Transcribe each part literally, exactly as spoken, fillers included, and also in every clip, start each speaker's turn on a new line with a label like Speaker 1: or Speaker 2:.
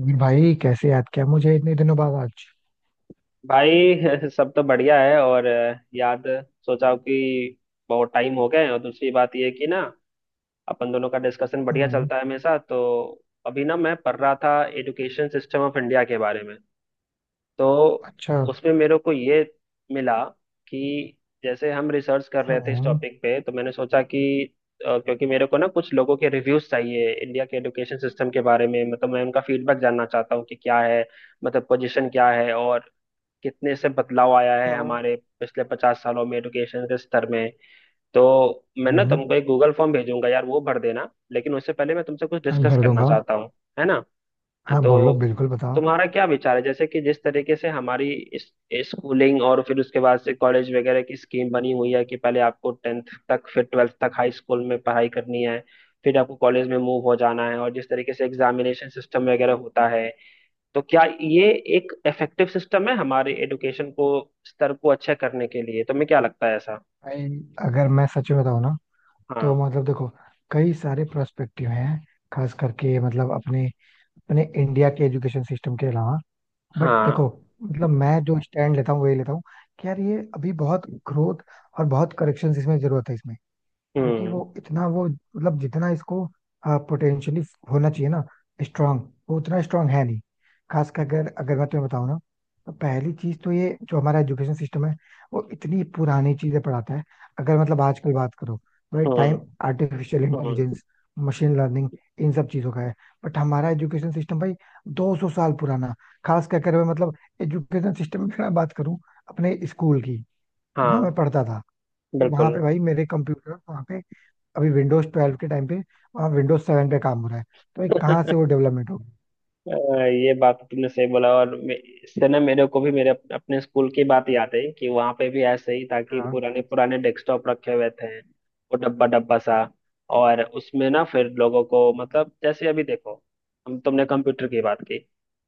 Speaker 1: वीर भाई कैसे याद किया मुझे इतने दिनों बाद आज।
Speaker 2: भाई सब तो बढ़िया है और अ, याद। सोचा कि बहुत टाइम हो गए, और दूसरी बात ये कि ना अपन दोनों का डिस्कशन बढ़िया
Speaker 1: हाँ।
Speaker 2: चलता है हमेशा। तो अभी ना मैं पढ़ रहा था एजुकेशन सिस्टम ऑफ इंडिया के बारे में। तो
Speaker 1: अच्छा।
Speaker 2: उसमें मेरे को ये मिला कि जैसे हम रिसर्च कर
Speaker 1: हाँ
Speaker 2: रहे थे इस
Speaker 1: हाँ
Speaker 2: टॉपिक पे, तो मैंने सोचा कि अ, क्योंकि मेरे को ना कुछ लोगों के रिव्यूज चाहिए इंडिया के एजुकेशन सिस्टम के बारे में, मतलब मैं उनका फीडबैक जानना चाहता हूँ कि क्या है, मतलब पोजीशन क्या है और कितने से बदलाव आया है
Speaker 1: हाँ।
Speaker 2: हमारे पिछले पचास सालों में एडुकेशन के स्तर में। तो मैं ना तुमको एक गूगल फॉर्म भेजूंगा यार, वो भर देना, लेकिन उससे पहले मैं तुमसे कुछ
Speaker 1: हाँ,
Speaker 2: डिस्कस
Speaker 1: भर
Speaker 2: करना
Speaker 1: दूंगा।
Speaker 2: चाहता हूँ, है ना।
Speaker 1: हाँ
Speaker 2: तो
Speaker 1: बोलो बिल्कुल बताओ।
Speaker 2: तुम्हारा क्या विचार है, जैसे कि जिस तरीके से हमारी इस स्कूलिंग और फिर उसके बाद से कॉलेज वगैरह की स्कीम बनी हुई है कि पहले आपको टेंथ तक फिर ट्वेल्थ तक हाई स्कूल में पढ़ाई करनी है, फिर आपको कॉलेज में मूव हो जाना है, और जिस तरीके से एग्जामिनेशन सिस्टम वगैरह होता है, तो क्या ये एक इफेक्टिव सिस्टम है हमारे एडुकेशन को स्तर को अच्छा करने के लिए, तुम्हें क्या लगता है ऐसा?
Speaker 1: भाई अगर मैं सच में बताऊँ ना
Speaker 2: हाँ
Speaker 1: तो मतलब देखो, कई सारे प्रोस्पेक्टिव हैं, खास करके मतलब अपने अपने इंडिया के एजुकेशन सिस्टम के अलावा। बट देखो,
Speaker 2: हाँ।
Speaker 1: मतलब मैं जो स्टैंड लेता हूँ वही लेता हूँ कि यार ये अभी बहुत ग्रोथ और बहुत करेक्शन इसमें जरूरत है इसमें। क्योंकि
Speaker 2: हम्म
Speaker 1: वो इतना वो मतलब जितना इसको पोटेंशियली होना चाहिए ना, स्ट्रांग, वो उतना स्ट्रांग है नहीं। खास कर अगर अगर मैं तुम्हें बताऊं ना, तो पहली चीज तो ये जो हमारा एजुकेशन सिस्टम है, वो इतनी पुरानी चीजें पढ़ाता है। अगर मतलब आजकल बात करो भाई, टाइम
Speaker 2: हम्म।
Speaker 1: आर्टिफिशियल और इंटेलिजेंस, मशीन लर्निंग, इन सब चीजों का है। बट हमारा एजुकेशन सिस्टम भाई दो सौ साल पुराना। खास कर अगर मैं मतलब एजुकेशन सिस्टम में मैं बात करूं अपने स्कूल की, तो जहाँ मैं
Speaker 2: हाँ
Speaker 1: पढ़ता था वहां
Speaker 2: बिल्कुल।
Speaker 1: पे भाई मेरे कंप्यूटर वहां पे, अभी विंडोज ट्वेल्व के टाइम पे वहाँ विंडोज सेवन पे काम हो रहा है, तो भाई कहाँ से वो डेवलपमेंट होगी।
Speaker 2: अ, ये बात तुमने सही बोला, और मे- इससे ना मेरे को भी मेरे अप- अपने स्कूल की बात याद है कि वहां पे भी ऐसे ही था कि
Speaker 1: हाँ
Speaker 2: पुराने पुराने डेस्कटॉप रखे हुए थे, वो डब्बा डब्बा सा। और उसमें ना फिर लोगों को, मतलब जैसे अभी देखो हम तुमने कंप्यूटर की बात की,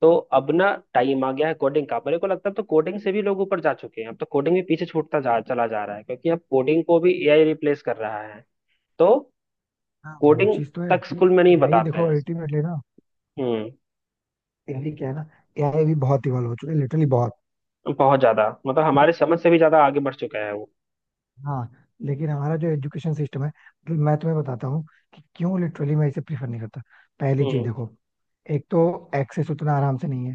Speaker 2: तो अब ना टाइम आ गया है कोडिंग का, मेरे को लगता है अब तो कोडिंग से भी लोग ऊपर जा चुके हैं, अब तो कोडिंग भी पीछे छूटता जा चला जा रहा है क्योंकि अब कोडिंग को भी एआई रिप्लेस कर रहा है। तो
Speaker 1: हाँ वो
Speaker 2: कोडिंग
Speaker 1: चीज तो है।
Speaker 2: तक स्कूल में नहीं
Speaker 1: एआई
Speaker 2: बताते
Speaker 1: देखो
Speaker 2: हैं।
Speaker 1: अल्टीमेटली ना,
Speaker 2: हम्म।
Speaker 1: एआई क्या है ना, एआई भी बहुत इवॉल्व हो चुकी है लिटरली बहुत।
Speaker 2: बहुत ज्यादा मतलब
Speaker 1: बट
Speaker 2: हमारे समझ से भी ज्यादा आगे बढ़ चुका है वो।
Speaker 1: हाँ, लेकिन हमारा जो एजुकेशन सिस्टम है, मतलब मैं तुम्हें बताता हूँ कि क्यों लिटरली मैं इसे प्रीफर नहीं करता। पहली चीज
Speaker 2: हम्म।
Speaker 1: देखो, एक तो एक्सेस उतना आराम से नहीं।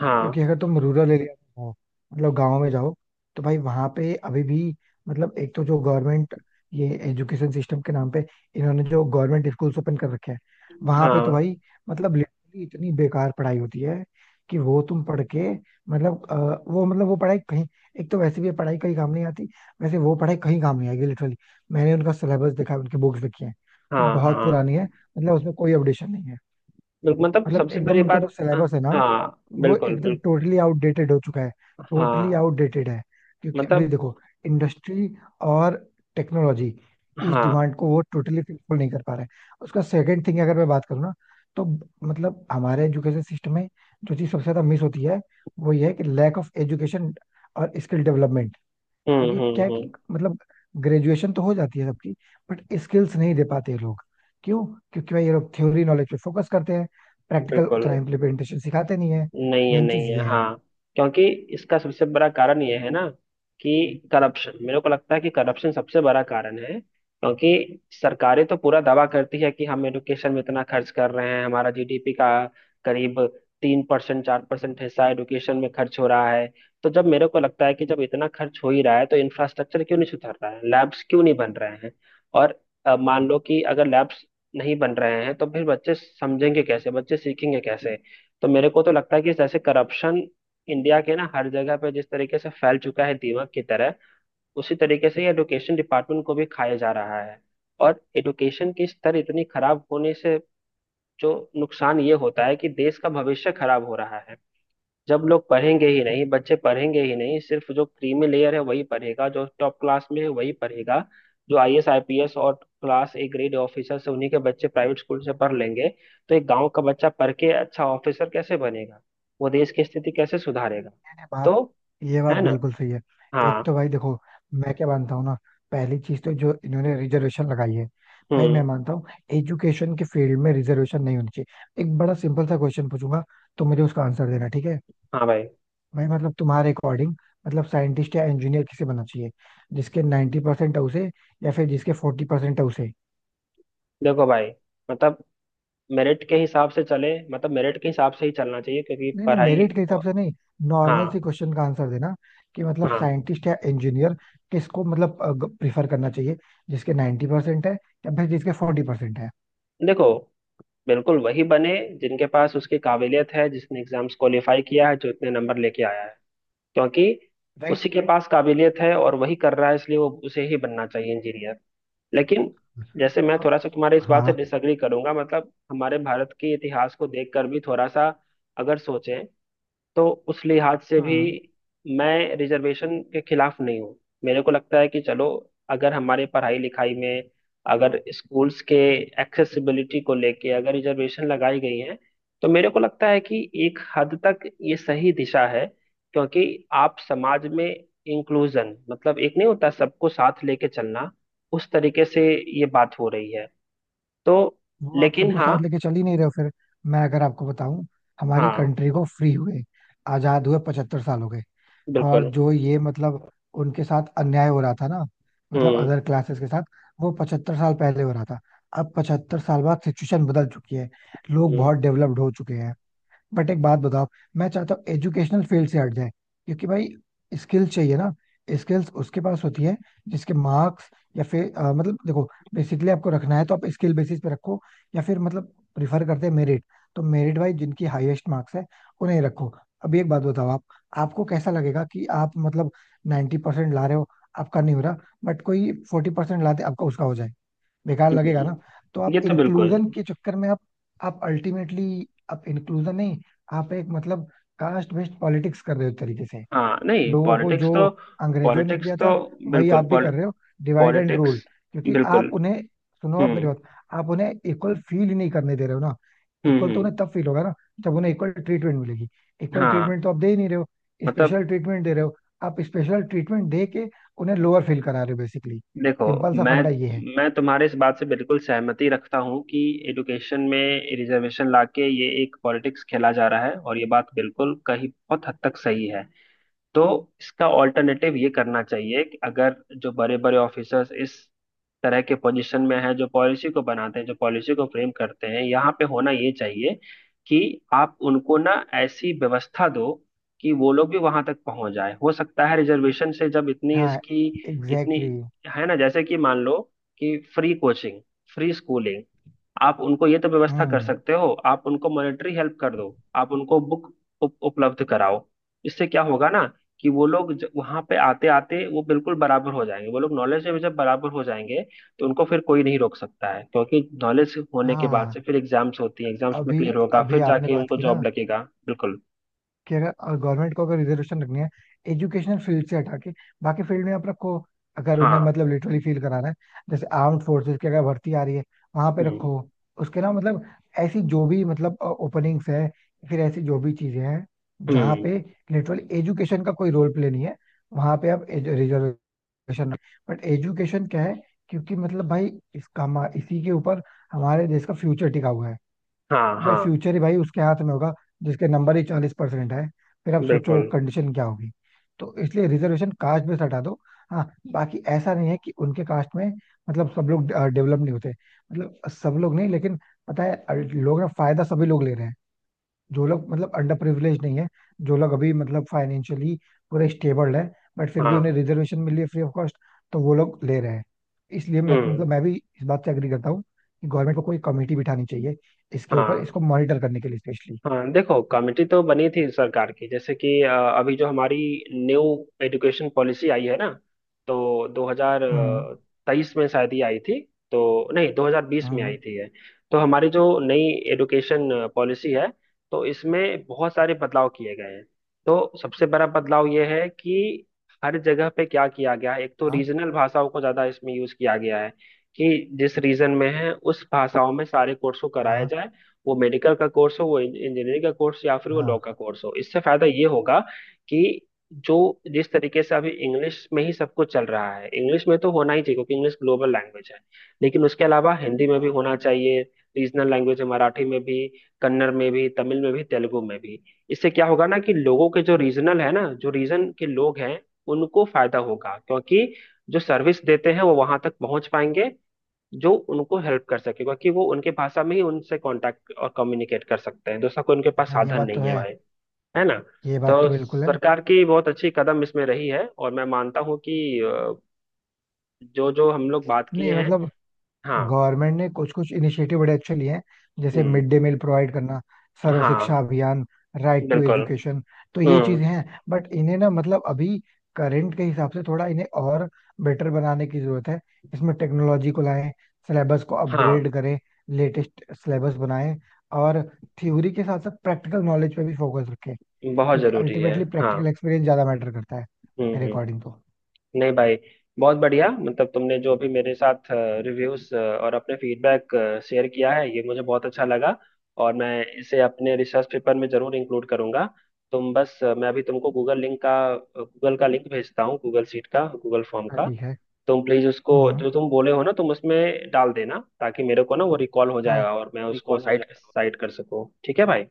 Speaker 2: हाँ
Speaker 1: क्योंकि अगर तुम रूरल एरिया में हो, मतलब गांव में जाओ, तो भाई वहां पे अभी भी मतलब एक तो जो गवर्नमेंट ये एजुकेशन सिस्टम के नाम पे इन्होंने जो गवर्नमेंट स्कूल्स ओपन कर रखे हैं, वहां पे तो
Speaker 2: हाँ।
Speaker 1: भाई मतलब लिटरली इतनी बेकार पढ़ाई होती है कि वो तुम पढ़ के मतलब अ, वो मतलब वो पढ़ाई कहीं, एक तो वैसे भी ये पढ़ाई कहीं काम नहीं आती, वैसे वो पढ़ाई कहीं काम नहीं आएगी लिटरली। मैंने उनका सिलेबस देखा है, उनकी बुक्स देखी है, वो
Speaker 2: हाँ
Speaker 1: बहुत
Speaker 2: हाँ।
Speaker 1: पुरानी है, मतलब उसमें कोई अपडेशन नहीं है।
Speaker 2: बिल- मतलब
Speaker 1: मतलब
Speaker 2: सबसे
Speaker 1: एकदम
Speaker 2: बड़ी
Speaker 1: उनका जो
Speaker 2: बात। हाँ।
Speaker 1: सिलेबस है ना,
Speaker 2: हाँ,
Speaker 1: वो
Speaker 2: बिल्कुल
Speaker 1: एकदम
Speaker 2: बिल्कुल।
Speaker 1: टोटली आउटडेटेड हो चुका है, टोटली
Speaker 2: हाँ।
Speaker 1: आउटडेटेड है। क्योंकि अभी
Speaker 2: मतलब।
Speaker 1: देखो इंडस्ट्री और टेक्नोलॉजी, इस
Speaker 2: हाँ।
Speaker 1: डिमांड को वो टोटली फुलफिल नहीं कर पा रहे हैं। उसका सेकंड थिंग अगर मैं बात करूँ ना, तो मतलब हमारे एजुकेशन सिस्टम में जो चीज़ सबसे ज्यादा मिस होती है, वो ये है कि लैक ऑफ एजुकेशन और स्किल डेवलपमेंट।
Speaker 2: हम्म
Speaker 1: क्योंकि
Speaker 2: हम्म
Speaker 1: क्या है
Speaker 2: हम्म।
Speaker 1: कि मतलब ग्रेजुएशन तो हो जाती है सबकी, बट स्किल्स नहीं दे पाते ये लोग। क्यों? क्योंकि भाई ये लोग थ्योरी नॉलेज पे फोकस करते हैं, प्रैक्टिकल
Speaker 2: बिल्कुल।
Speaker 1: उतना इम्प्लीमेंटेशन सिखाते नहीं है।
Speaker 2: नहीं है
Speaker 1: मेन चीज
Speaker 2: नहीं
Speaker 1: ये
Speaker 2: है।
Speaker 1: है।
Speaker 2: हाँ क्योंकि इसका सबसे बड़ा कारण यह है ना कि करप्शन मेरे को लगता है कि करप्शन सबसे बड़ा कारण है, क्योंकि सरकारें तो पूरा दावा करती है कि हम एडुकेशन में इतना खर्च कर रहे हैं, हमारा जीडीपी का करीब तीन परसेंट चार परसेंट हिस्सा एडुकेशन में खर्च हो रहा है। तो जब मेरे को लगता है कि जब इतना खर्च हो ही रहा है तो इंफ्रास्ट्रक्चर क्यों नहीं सुधर रहा है, लैब्स क्यों नहीं बन रहे हैं। और अ, मान लो कि अगर लैब्स नहीं बन रहे हैं तो फिर बच्चे समझेंगे कैसे, बच्चे सीखेंगे कैसे। तो मेरे को तो लगता है कि जैसे करप्शन इंडिया के ना हर जगह पे जिस तरीके से फैल चुका है दीमक की तरह, उसी तरीके से ये एजुकेशन डिपार्टमेंट को भी खाया जा रहा है। और एजुकेशन की स्तर इतनी खराब होने से जो नुकसान ये होता है कि देश का भविष्य खराब हो रहा है। जब लोग पढ़ेंगे ही नहीं, बच्चे पढ़ेंगे ही नहीं, सिर्फ जो क्रीमी लेयर है वही पढ़ेगा, जो टॉप क्लास में है वही पढ़ेगा, जो आईएएस आईपीएस और क्लास ए ग्रेड ऑफिसर से उन्हीं के बच्चे प्राइवेट स्कूल से पढ़ लेंगे। तो एक गांव का बच्चा पढ़ के अच्छा ऑफिसर कैसे बनेगा, वो देश की स्थिति कैसे सुधारेगा।
Speaker 1: ये बात
Speaker 2: तो
Speaker 1: ये बात
Speaker 2: है ना।
Speaker 1: बिल्कुल सही है। एक
Speaker 2: हाँ।
Speaker 1: तो भाई देखो, मैं क्या मानता हूँ ना, पहली चीज तो जो इन्होंने रिजर्वेशन लगाई है, भाई मैं
Speaker 2: हम्म।
Speaker 1: मानता हूँ एजुकेशन के फील्ड में रिजर्वेशन नहीं होनी चाहिए। एक बड़ा सिंपल सा क्वेश्चन पूछूंगा, तो मुझे उसका आंसर देना, ठीक है?
Speaker 2: हाँ भाई।
Speaker 1: भाई मतलब तुम्हारे अकॉर्डिंग, मतलब साइंटिस्ट या इंजीनियर किसे बनना चाहिए? जिसके नाइन्टी परसेंट है उसे, या फिर जिसके फोर्टी परसेंट है उसे?
Speaker 2: देखो भाई मतलब मेरिट के हिसाब से चले, मतलब मेरिट के हिसाब से ही चलना चाहिए क्योंकि
Speaker 1: नहीं नहीं
Speaker 2: पढ़ाई।
Speaker 1: मेरिट के हिसाब से नहीं, नॉर्मल
Speaker 2: हाँ।
Speaker 1: सी क्वेश्चन का आंसर देना कि मतलब
Speaker 2: हाँ।
Speaker 1: साइंटिस्ट या इंजीनियर किसको मतलब प्रिफर करना चाहिए, जिसके नाइन्टी परसेंट है, या फिर जिसके फोर्टी परसेंट है?
Speaker 2: देखो बिल्कुल वही बने जिनके पास उसकी काबिलियत है, जिसने एग्जाम्स क्वालिफाई किया है, जो इतने नंबर लेके आया है, क्योंकि
Speaker 1: राइट।
Speaker 2: उसी के पास काबिलियत है और वही कर रहा है, इसलिए वो उसे ही बनना चाहिए इंजीनियर। लेकिन जैसे मैं
Speaker 1: अब-
Speaker 2: थोड़ा सा तुम्हारे इस बात से
Speaker 1: हाँ
Speaker 2: डिसएग्री करूंगा, मतलब हमारे भारत के इतिहास को देखकर भी थोड़ा सा अगर सोचें तो उस लिहाज से भी
Speaker 1: हाँ,
Speaker 2: मैं रिजर्वेशन के खिलाफ नहीं हूँ। मेरे को लगता है कि चलो अगर हमारे पढ़ाई लिखाई में अगर स्कूल्स के एक्सेसिबिलिटी को लेके अगर रिजर्वेशन लगाई गई है, तो मेरे को लगता है कि एक हद तक ये सही दिशा है क्योंकि आप समाज में इंक्लूजन, मतलब एक नहीं होता सबको साथ लेके चलना, उस तरीके से ये बात हो रही है। तो
Speaker 1: वो आप
Speaker 2: लेकिन
Speaker 1: सबको
Speaker 2: हाँ।
Speaker 1: साथ लेके चल ही नहीं रहे हो फिर। मैं अगर आपको बताऊं, हमारी
Speaker 2: हाँ
Speaker 1: कंट्री को फ्री हुए, आजाद हुए पचहत्तर साल हो गए। और
Speaker 2: बिल्कुल।
Speaker 1: जो ये मतलब उनके साथ अन्याय हो रहा था ना, मतलब
Speaker 2: हम्म
Speaker 1: अदर क्लासेस के साथ, वो पचहत्तर साल पहले हो रहा था। अब पचहत्तर साल बाद सिचुएशन बदल चुकी है, लोग
Speaker 2: हम्म
Speaker 1: बहुत डेवलप्ड हो चुके हैं। बट एक बात बताओ, मैं चाहता हूँ एजुकेशनल फील्ड से हट जाए। क्योंकि भाई स्किल्स चाहिए ना, स्किल्स उसके पास होती है जिसके मार्क्स, या फिर अ, मतलब देखो बेसिकली आपको रखना है तो आप स्किल बेसिस पे रखो, या फिर मतलब प्रिफर करते हैं मेरिट, तो मेरिट वाइज जिनकी हाईएस्ट मार्क्स है उन्हें रखो। अभी एक बात बताओ आप, आपको कैसा लगेगा कि आप मतलब नाइन्टी परसेंट ला रहे हो, आपका नहीं हो रहा, बट कोई फोर्टी परसेंट ला दे आपका उसका हो जाए? बेकार लगेगा ना। तो
Speaker 2: हम्म, ये
Speaker 1: आप
Speaker 2: तो बिल्कुल।
Speaker 1: इंक्लूजन के चक्कर में आप आप अल्टीमेटली आप इंक्लूजन नहीं, आप एक मतलब कास्ट बेस्ड पॉलिटिक्स कर रहे हो एक तरीके से।
Speaker 2: हाँ नहीं
Speaker 1: लोगों को
Speaker 2: पॉलिटिक्स
Speaker 1: जो
Speaker 2: तो।
Speaker 1: अंग्रेजों ने
Speaker 2: पॉलिटिक्स
Speaker 1: किया
Speaker 2: तो
Speaker 1: था, वही आप
Speaker 2: बिल्कुल।
Speaker 1: भी कर रहे हो, डिवाइड एंड
Speaker 2: पॉलिटिक्स।
Speaker 1: रूल। क्योंकि
Speaker 2: बिल्कुल।
Speaker 1: आप उन्हें, सुनो आप मेरी
Speaker 2: हम्म
Speaker 1: बात, आप उन्हें इक्वल फील ही नहीं करने दे रहे हो ना।
Speaker 2: हम्म
Speaker 1: इक्वल तो
Speaker 2: हम्म।
Speaker 1: उन्हें तब फील होगा ना जब उन्हें इक्वल ट्रीटमेंट मिलेगी, इक्वल
Speaker 2: हाँ
Speaker 1: ट्रीटमेंट तो आप दे ही नहीं रहे हो,
Speaker 2: मतलब।
Speaker 1: स्पेशल ट्रीटमेंट दे रहे हो। आप स्पेशल ट्रीटमेंट दे के उन्हें लोअर फील करा रहे हो, बेसिकली
Speaker 2: देखो
Speaker 1: सिंपल सा
Speaker 2: मैं
Speaker 1: फंडा ये है।
Speaker 2: मैं तुम्हारे इस बात से बिल्कुल सहमति रखता हूँ कि एडुकेशन में रिजर्वेशन लाके ये एक पॉलिटिक्स खेला जा रहा है, और ये बात बिल्कुल कहीं बहुत हद तक सही है। तो इसका ऑल्टरनेटिव ये करना चाहिए कि अगर जो बड़े बड़े ऑफिसर्स इस तरह के पोजीशन में हैं, जो पॉलिसी को बनाते हैं, जो पॉलिसी को फ्रेम करते हैं, यहाँ पे होना ये चाहिए कि आप उनको ना ऐसी व्यवस्था दो कि वो लोग भी वहां तक पहुंच जाए, हो सकता है रिजर्वेशन से जब इतनी
Speaker 1: हाँ
Speaker 2: इसकी इतनी,
Speaker 1: एग्जैक्टली exactly।
Speaker 2: है ना, जैसे कि मान लो कि फ्री कोचिंग, फ्री स्कूलिंग, आप उनको ये तो व्यवस्था कर
Speaker 1: हम्म।
Speaker 2: सकते हो, आप उनको मॉनेटरी हेल्प कर दो, आप उनको बुक उप, उपलब्ध कराओ। इससे क्या होगा ना कि वो लोग ज- वहां पे आते आते वो बिल्कुल बराबर हो जाएंगे, वो लोग नॉलेज में जब बराबर हो जाएंगे तो उनको फिर कोई नहीं रोक सकता है क्योंकि नॉलेज होने के बाद
Speaker 1: हाँ।
Speaker 2: से फिर एग्जाम्स होती हैं, एग्जाम्स में
Speaker 1: अभी
Speaker 2: क्लियर होगा,
Speaker 1: अभी
Speaker 2: फिर
Speaker 1: आपने
Speaker 2: जाके
Speaker 1: बात
Speaker 2: उनको
Speaker 1: की ना
Speaker 2: जॉब लगेगा बिल्कुल।
Speaker 1: कि अगर गवर्नमेंट को अगर रिजर्वेशन रखनी है, एजुकेशनल फील्ड से हटा के बाकी फील्ड में आप रखो। अगर उन्हें
Speaker 2: हाँ।
Speaker 1: मतलब लिटरली फील कराना है, जैसे आर्म्ड फोर्सेस की अगर भर्ती आ रही है, वहां पे
Speaker 2: हम्म
Speaker 1: रखो। उसके ना मतलब ऐसी जो भी मतलब ओपनिंग्स है, फिर ऐसी जो भी चीजें हैं जहाँ
Speaker 2: हम्म।
Speaker 1: पे लिटरली एजुकेशन का कोई रोल प्ले नहीं है, वहां पे आप रिजर्वेशन। एजुकेशन, बट एजुकेशन क्या है, क्योंकि मतलब भाई इसका हमा- इसी के ऊपर हमारे देश का फ्यूचर टिका हुआ है।
Speaker 2: हाँ
Speaker 1: भाई
Speaker 2: हाँ।
Speaker 1: फ्यूचर ही भाई उसके हाथ में होगा जिसके नंबर ही चालीस परसेंट है, फिर आप सोचो
Speaker 2: बिल्कुल।
Speaker 1: कंडीशन क्या होगी। तो इसलिए रिजर्वेशन कास्ट में से हटा दो। हाँ, बाकी ऐसा नहीं है कि उनके कास्ट में मतलब सब लोग डेवलप नहीं होते, मतलब सब लोग नहीं, लेकिन पता है अ, लोग ना फायदा सभी लोग ले रहे हैं, जो लोग मतलब अंडर प्रिविलेज नहीं है, जो लोग अभी मतलब फाइनेंशियली पूरे स्टेबल है, बट फिर भी उन्हें
Speaker 2: हाँ।
Speaker 1: रिजर्वेशन मिली है फ्री ऑफ कॉस्ट, तो वो लोग ले रहे हैं। इसलिए मैं तो,
Speaker 2: हम्म।
Speaker 1: मतलब मैं भी इस बात से एग्री करता हूँ कि गवर्नमेंट को कोई कमेटी बिठानी चाहिए इसके ऊपर,
Speaker 2: हाँ।
Speaker 1: इसको मॉनिटर करने के लिए स्पेशली।
Speaker 2: हाँ देखो कमेटी तो बनी थी सरकार की, जैसे कि अ, अभी जो हमारी न्यू एजुकेशन पॉलिसी आई है ना, तो
Speaker 1: हम्म
Speaker 2: दो हज़ार तेईस में शायद ही आई थी। तो नहीं दो हज़ार बीस में आई
Speaker 1: हम्म।
Speaker 2: थी है। तो हमारी जो नई एजुकेशन पॉलिसी है, तो इसमें बहुत सारे बदलाव किए गए हैं। तो सबसे बड़ा बदलाव ये है कि हर जगह पे क्या किया गया है, एक तो
Speaker 1: हाँ
Speaker 2: रीजनल भाषाओं को ज़्यादा इसमें यूज़ किया गया है कि जिस रीजन में है उस भाषाओं में सारे कोर्स को कराया
Speaker 1: हाँ।
Speaker 2: जाए, वो मेडिकल का कोर्स हो, वो इंजीनियरिंग का कोर्स या फिर वो लॉ
Speaker 1: हाँ,
Speaker 2: का कोर्स हो। इससे फायदा ये होगा कि जो जिस तरीके से अभी इंग्लिश में ही सब कुछ चल रहा है, इंग्लिश में तो होना ही चाहिए क्योंकि इंग्लिश ग्लोबल लैंग्वेज है, लेकिन उसके अलावा हिंदी में भी होना चाहिए, रीजनल लैंग्वेज है मराठी में भी, कन्नड़ में भी, तमिल में भी, तेलुगु में भी। इससे क्या होगा ना कि लोगों के जो रीजनल है ना, जो रीजन के लोग हैं, उनको फायदा होगा क्योंकि जो सर्विस देते हैं वो वहां तक पहुंच पाएंगे जो उनको हेल्प कर सके, क्योंकि वो उनके भाषा में ही उनसे कांटेक्ट और कम्युनिकेट कर सकते हैं, दूसरा कोई उनके पास
Speaker 1: हाँ, ये
Speaker 2: साधन
Speaker 1: बात तो
Speaker 2: नहीं है
Speaker 1: है,
Speaker 2: भाई। है ना।
Speaker 1: ये बात तो
Speaker 2: तो
Speaker 1: बिल्कुल है।
Speaker 2: सरकार की बहुत अच्छी कदम इसमें रही है, और मैं मानता हूँ कि अ, जो जो हम लोग बात
Speaker 1: नहीं
Speaker 2: किए हैं।
Speaker 1: मतलब
Speaker 2: हाँ।
Speaker 1: गवर्नमेंट ने कुछ कुछ इनिशिएटिव बड़े अच्छे लिए हैं, जैसे
Speaker 2: हम्म।
Speaker 1: मिड डे मील प्रोवाइड करना, सर्व
Speaker 2: हाँ।
Speaker 1: शिक्षा अभियान, राइट टू
Speaker 2: बिल्कुल।
Speaker 1: एजुकेशन। तो ये
Speaker 2: हम्म।
Speaker 1: चीजें हैं, बट इन्हें ना मतलब अभी करंट के हिसाब से थोड़ा इन्हें और बेटर बनाने की जरूरत है। इसमें टेक्नोलॉजी को लाएं, सिलेबस को
Speaker 2: हाँ।
Speaker 1: अपग्रेड करें, लेटेस्ट सिलेबस बनाएं, और थ्योरी के साथ साथ प्रैक्टिकल नॉलेज पे भी फोकस रखें,
Speaker 2: बहुत
Speaker 1: क्योंकि
Speaker 2: जरूरी है।
Speaker 1: अल्टीमेटली
Speaker 2: हाँ।
Speaker 1: प्रैक्टिकल एक्सपीरियंस ज्यादा मैटर करता है
Speaker 2: हम्म
Speaker 1: मेरे अकॉर्डिंग
Speaker 2: हम्म।
Speaker 1: तो।
Speaker 2: नहीं भाई बहुत बढ़िया, मतलब तुमने जो अभी मेरे साथ रिव्यूज और अपने फीडबैक शेयर किया है ये मुझे बहुत अच्छा लगा, और मैं इसे अपने रिसर्च पेपर में जरूर इंक्लूड करूंगा। तुम बस अ, मैं अभी तुमको गूगल लिंक का गूगल का लिंक भेजता हूँ, गूगल शीट का गूगल फॉर्म
Speaker 1: हाँ
Speaker 2: का।
Speaker 1: ठीक है।
Speaker 2: तुम प्लीज उसको
Speaker 1: हम्म।
Speaker 2: जो तुम बोले हो ना तुम उसमें डाल देना ताकि मेरे को ना वो रिकॉल हो
Speaker 1: हाँ,
Speaker 2: जाएगा और मैं उसको
Speaker 1: रिकॉल हो
Speaker 2: साइट
Speaker 1: जाए।
Speaker 2: साइट कर सकूँ, ठीक है भाई।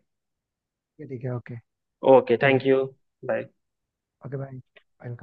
Speaker 1: ठीक है, okay.
Speaker 2: Okay
Speaker 1: okay.
Speaker 2: Thank you. Bye.
Speaker 1: Okay भाई, वेलकम।